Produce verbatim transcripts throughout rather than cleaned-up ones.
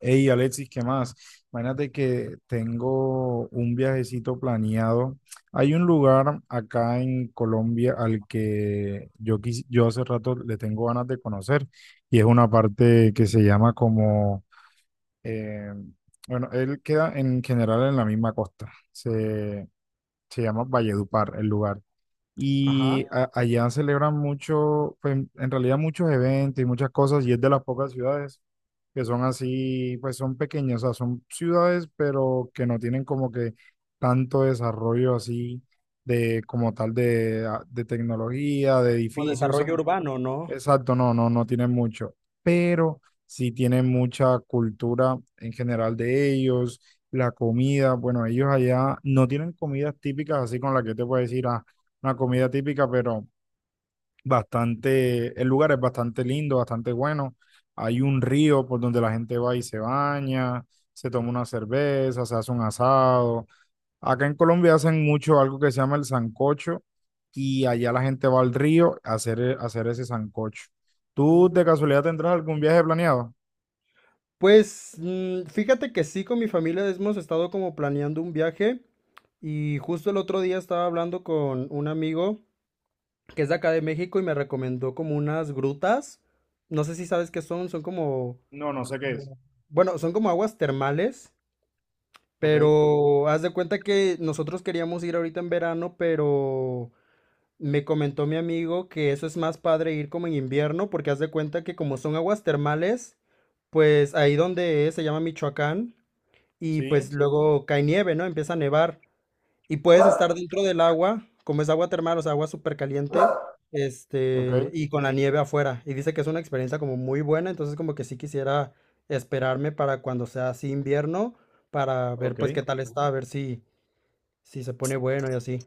Hey Alexis, ¿qué más? Imagínate que tengo un viajecito planeado. Hay un lugar acá en Colombia al que yo, quis- yo hace rato le tengo ganas de conocer y es una parte que se llama como, eh, bueno, él queda en general en la misma costa. Se, se llama Valledupar el lugar. Y Ajá. a- allá celebran mucho, pues en realidad muchos eventos y muchas cosas, y es de las pocas ciudades que son así, pues son pequeñas, o sea, son ciudades, pero que no tienen como que tanto desarrollo así de como tal de, a- de tecnología, de Como edificios. desarrollo urbano, ¿no? Exacto, no, no, no tienen mucho, pero sí tienen mucha cultura en general de ellos, la comida, bueno, ellos allá no tienen comidas típicas, así con la que te puedo decir, ah, una comida típica, pero bastante, el lugar es bastante lindo, bastante bueno. Hay un río por donde la gente va y se baña, se toma una cerveza, se hace un asado. Acá en Colombia hacen mucho algo que se llama el sancocho y allá la gente va al río a hacer, e- a hacer ese sancocho. ¿Tú Uh, de casualidad tendrás algún viaje planeado? Pues mm, fíjate que sí, con mi familia hemos estado como planeando un viaje y justo el otro día estaba hablando con un amigo que es de acá de México y me recomendó como unas grutas. No sé si sabes qué son, son como, No, no sé qué es. como- bueno, son como aguas termales, Ok, pero haz de cuenta que nosotros queríamos ir ahorita en verano, pero me comentó mi amigo que eso es más padre ir como en invierno, porque haz de cuenta que como son aguas termales, pues ahí donde es, se llama Michoacán, y sí, pues luego cae nieve, ¿no? Empieza a nevar. Y puedes estar dentro del agua, como es agua termal, o sea, agua súper caliente, ok, este, y con la nieve afuera. Y dice que es una experiencia como muy buena, entonces como que sí quisiera esperarme para cuando sea así invierno, para ver ok. pues qué tal está, a ver si, si se pone bueno y así.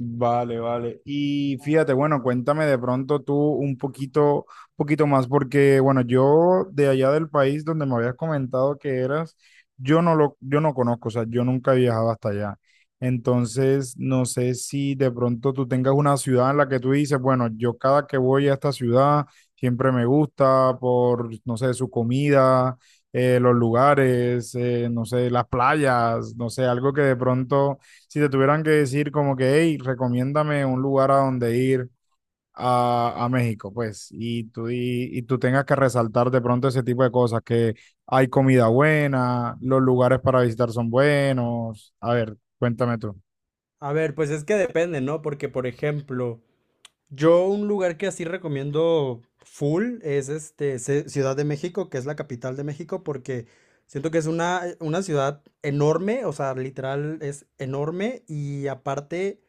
Vale, vale. Y fíjate, bueno, cuéntame de pronto tú un poquito, poquito más, porque bueno, yo de allá del país donde me habías comentado que eras, yo no lo, yo no conozco, o sea, yo nunca he viajado hasta allá. Entonces, no sé si de pronto tú tengas una ciudad en la que tú dices, bueno, yo cada que voy a esta ciudad siempre me gusta por, no sé, su comida, eh, los lugares, eh, no sé, las playas, no sé, algo que de pronto si te tuvieran que decir como que, hey, recomiéndame un lugar a donde ir a, a México, pues, y tú, y, y tú tengas que resaltar de pronto ese tipo de cosas, que hay comida buena, los lugares para visitar son buenos. A ver, cuéntame tú. A ver, pues es que depende, ¿no? Porque, por ejemplo, yo un lugar que así recomiendo full es este Ci- Ciudad de México, que es la capital de México, porque siento que es una, una ciudad enorme, o sea, literal es enorme y aparte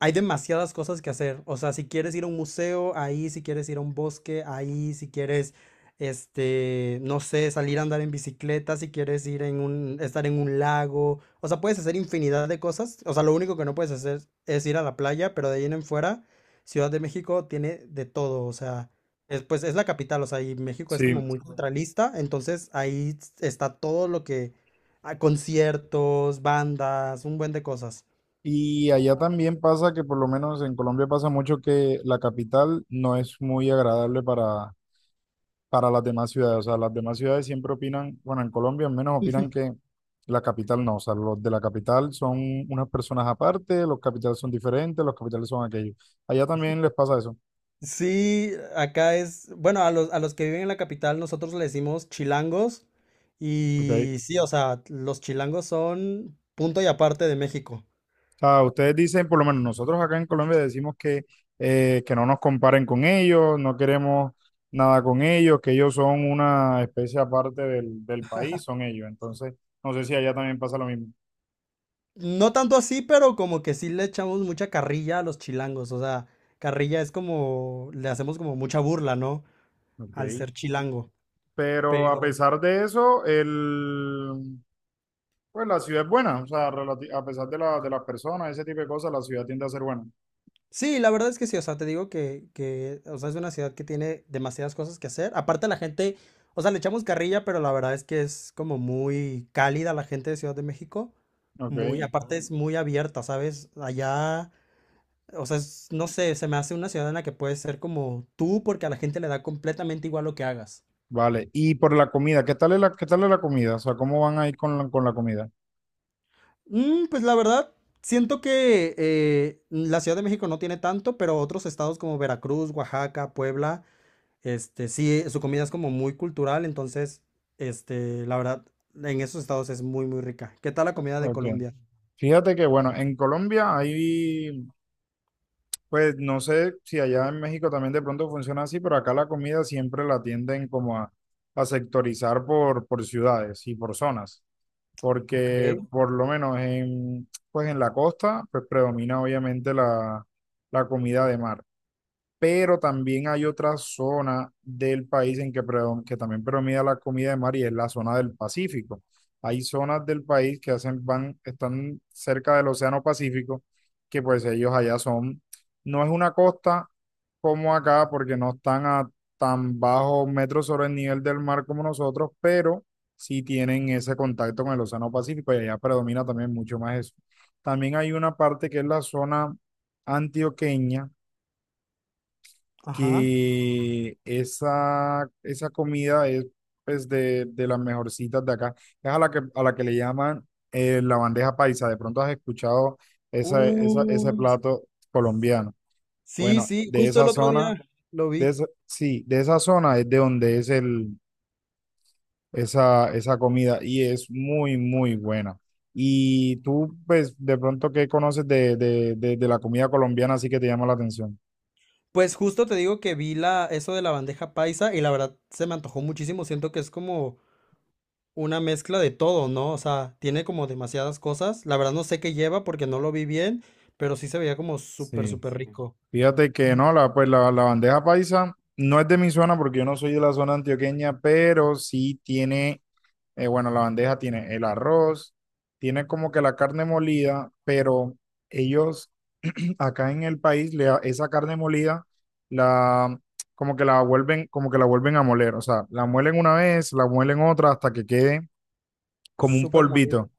hay demasiadas cosas que hacer. O sea, si quieres ir a un museo, ahí, si quieres ir a un bosque, ahí, si quieres, este, no sé, salir a andar en bicicleta, si quieres ir en un, estar en un lago. O sea, puedes hacer infinidad de cosas. O sea, lo único que no puedes hacer es ir a la playa, pero de ahí en fuera, Ciudad de México tiene de todo. O sea, es, pues es la capital, o sea, y México es Sí, como muy centralista, entonces ahí está todo lo que, ah, conciertos, bandas, un buen de cosas. y allá también pasa que por lo menos en Colombia pasa mucho que la capital no es muy agradable para, para las demás ciudades. O sea, las demás ciudades siempre opinan, bueno, en Colombia al menos opinan que la capital no. O sea, los de la capital son unas personas aparte, los capitales son diferentes, los capitales son aquellos. Allá también les pasa eso, Sí, acá es, bueno, a los, a los que viven en la capital nosotros le decimos chilangos ¿ok? y sí, o sea, los chilangos son punto y aparte de México. O sea, ustedes dicen, por lo menos nosotros acá en Colombia decimos que, eh, que no nos comparen con ellos, no queremos nada con ellos, que ellos son una especie aparte del, del país, son ellos. Entonces, no sé si allá también pasa lo mismo. No tanto así, pero como que sí le echamos mucha carrilla a los chilangos, o sea, carrilla es como, le hacemos como mucha burla, ¿no? Ok. Al ser chilango, Pero a pero... pesar de eso, el, pues la ciudad es buena, o sea, relati- a pesar de, la, de las personas, ese tipo de cosas, la ciudad tiende a ser buena. Sí, la verdad es que sí, o sea, te digo que, que, o sea, es una ciudad que tiene demasiadas cosas que hacer. Aparte la gente, o sea, le echamos carrilla, pero la verdad es que es como muy cálida la gente de Ciudad de México. Ok, Muy, aparte es muy abierta, ¿sabes? Allá, o sea, es- no sé, se me hace una ciudad en la que puedes ser como tú porque a la gente le da completamente igual lo que hagas. vale. Y por la comida, ¿qué tal es la, ¿qué tal es la comida? O sea, ¿cómo van a ir con la, con la comida? Mm, pues la verdad, siento que eh, la Ciudad de México no tiene tanto, pero otros estados como Veracruz, Oaxaca, Puebla. Este, sí, su comida es como muy cultural, entonces, este, la verdad, en esos estados es muy, muy rica. ¿Qué tal la comida de Ok. Colombia? Fíjate que, bueno, en Colombia hay, pues no sé si allá en México también de pronto funciona así, pero acá la comida siempre la tienden como a, a sectorizar por, por ciudades y por zonas. Ok. Porque por lo menos en, pues en la costa, pues predomina obviamente la la comida de mar, pero también hay otra zona del país en que, predom- que también predomina la comida de mar y es la zona del Pacífico. Hay zonas del país que hacen, van, están cerca del Océano Pacífico, que pues ellos allá son, no es una costa como acá, porque no están a tan bajo metros sobre el nivel del mar como nosotros, pero sí tienen ese contacto con el Océano Pacífico y allá predomina también mucho más eso. También hay una parte que es la zona antioqueña, Ajá. que esa, esa comida es pues, de, de las mejorcitas de acá. Es a la que, a la que le llaman eh, la bandeja paisa. De pronto has escuchado esa, esa- ese Uy, plato colombiano. sí, Bueno, sí, de justo esa el otro zona, día lo de vi. esa, sí, de esa zona es de donde es el, esa, esa comida y es muy, muy buena. Y tú, pues, de pronto, ¿qué conoces de, de, de de la comida colombiana así que te llama la atención? Pues justo te digo que vi la, eso de la bandeja paisa y la verdad se me antojó muchísimo. Siento que es como una mezcla de todo, ¿no? O sea, tiene como demasiadas cosas. La verdad no sé qué lleva porque no lo vi bien, pero sí se veía como súper, Sí. súper rico. Fíjate que Ujú. no, la, pues la, la bandeja paisa no es de mi zona porque yo no soy de la zona antioqueña, pero sí tiene, eh, bueno, la bandeja tiene el arroz, tiene como que la carne molida, pero ellos acá en el país le, a- esa carne molida la como que la vuelven, como que la vuelven a moler, o sea, la muelen una vez, la muelen otra hasta que quede como un Súper molido. polvito,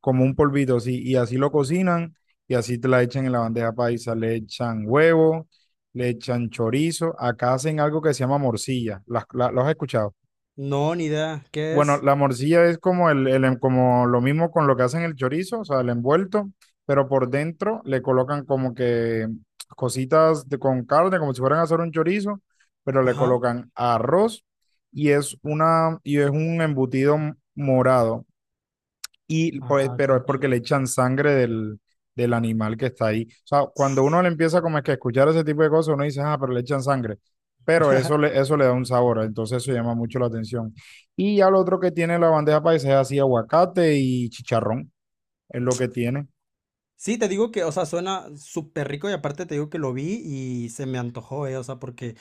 como un polvito, sí, y así lo cocinan y así te la echan en la bandeja paisa, le echan huevo, le echan chorizo, acá hacen algo que se llama morcilla, ¿Las, la, ¿los has escuchado? No, ni idea. ¿Qué Bueno, es? la morcilla es como, el, el, en- como lo mismo con lo que hacen el chorizo, o sea, el envuelto, pero por dentro le colocan como que cositas de, con carne, como si fueran a hacer un chorizo, pero le Ajá. colocan arroz y es, una, y es un embutido morado, y pues, Ah, ok, pero es ok. porque le echan sangre del, del animal que está ahí. O sea, cuando uno le empieza como es que a escuchar ese tipo de cosas, uno dice, ah, pero le echan sangre. Pero eso le, eso le da un sabor, entonces eso llama mucho la atención. Y ya lo otro que tiene la bandeja paisa es así, aguacate y chicharrón, es lo que tiene. Sí, te digo que, o sea, suena súper rico y aparte te digo que lo vi y se me antojó, ¿eh? O sea, porque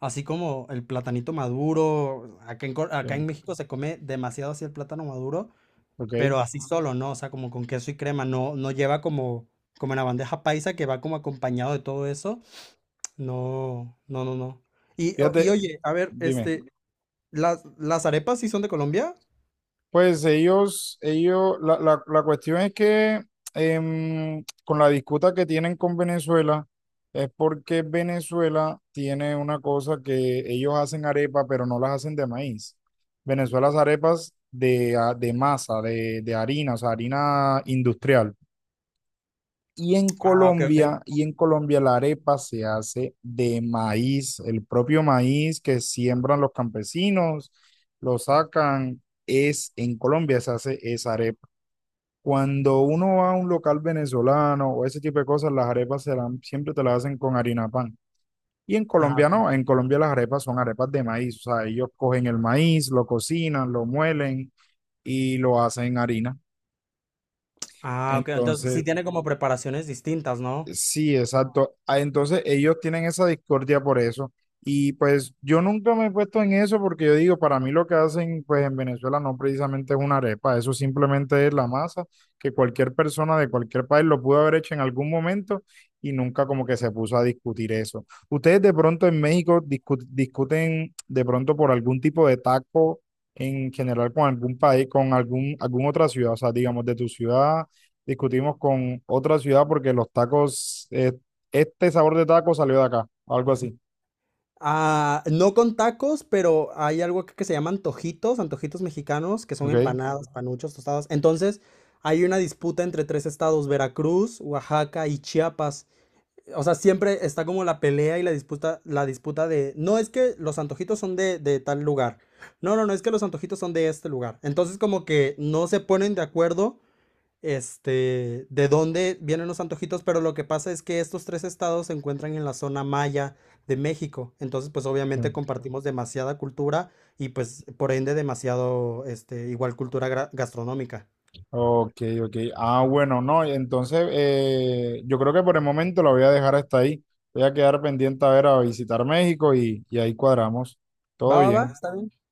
así como el platanito maduro, acá en, Cor- acá Eh, en México se come demasiado así el plátano maduro, Ok, pero así solo, ¿no? O sea, como con queso y crema, no, no lleva como, como en la bandeja paisa que va como acompañado de todo eso. No, no, no, no. Y, o- y fíjate, oye, a ver, dime. este, ¿las, las arepas sí son de Colombia? Pues ellos, ellos, la, la- la cuestión es que em, con la disputa que tienen con Venezuela, es porque Venezuela tiene una cosa que ellos hacen arepa, pero no las hacen de maíz. Venezuela hace arepas de, a- de masa, de, de harina, o sea, harina industrial. Y en Ah, ok, ok. Colombia, y en Colombia la arepa se hace de maíz, el propio maíz que siembran los campesinos, lo sacan, es en Colombia se hace esa arepa. Cuando uno va a un local venezolano o ese tipo de cosas, las arepas se dan- siempre te las hacen con harina pan. Y en Ah, Colombia ok. no, en Colombia las arepas son arepas de maíz, o sea, ellos cogen el maíz, lo cocinan, lo muelen y lo hacen harina. Ah, ok. Entonces sí Entonces, tiene como preparaciones distintas, ¿no? sí, exacto. Ah, entonces ellos tienen esa discordia por eso. Y pues yo nunca me he puesto en eso porque yo digo, para mí lo que hacen pues en Venezuela no precisamente es una arepa, eso simplemente es la masa que cualquier persona de cualquier país lo pudo haber hecho en algún momento y nunca como que se puso a discutir eso. ¿Ustedes de pronto en México discu- discuten de pronto por algún tipo de taco en general con algún país, con algún, alguna otra ciudad? O sea, digamos de tu ciudad discutimos con otra ciudad porque los tacos, eh, este sabor de taco salió de acá, algo así. Ah, no con tacos, pero hay algo que, que se llaman antojitos, antojitos mexicanos, que son ¿Ok? empanadas, panuchos, tostadas. Entonces, hay una disputa entre tres estados, Veracruz, Oaxaca y Chiapas. O sea, siempre está como la pelea y la disputa, la disputa de, no es que los antojitos son de, de tal lugar, no, no, no es que los antojitos son de este lugar. Entonces como que no se ponen de acuerdo, este, de dónde vienen los antojitos, pero lo que pasa es que estos tres estados se encuentran en la zona maya de México, entonces pues obviamente compartimos demasiada cultura y pues por ende demasiado, este, igual cultura gra- gastronómica. Ok, ok. Ah, bueno, no, entonces eh, yo creo que por el momento la voy a dejar hasta ahí. Voy a quedar pendiente a ver a visitar México y, y ahí cuadramos. Todo Va, va, va, bien. está bien.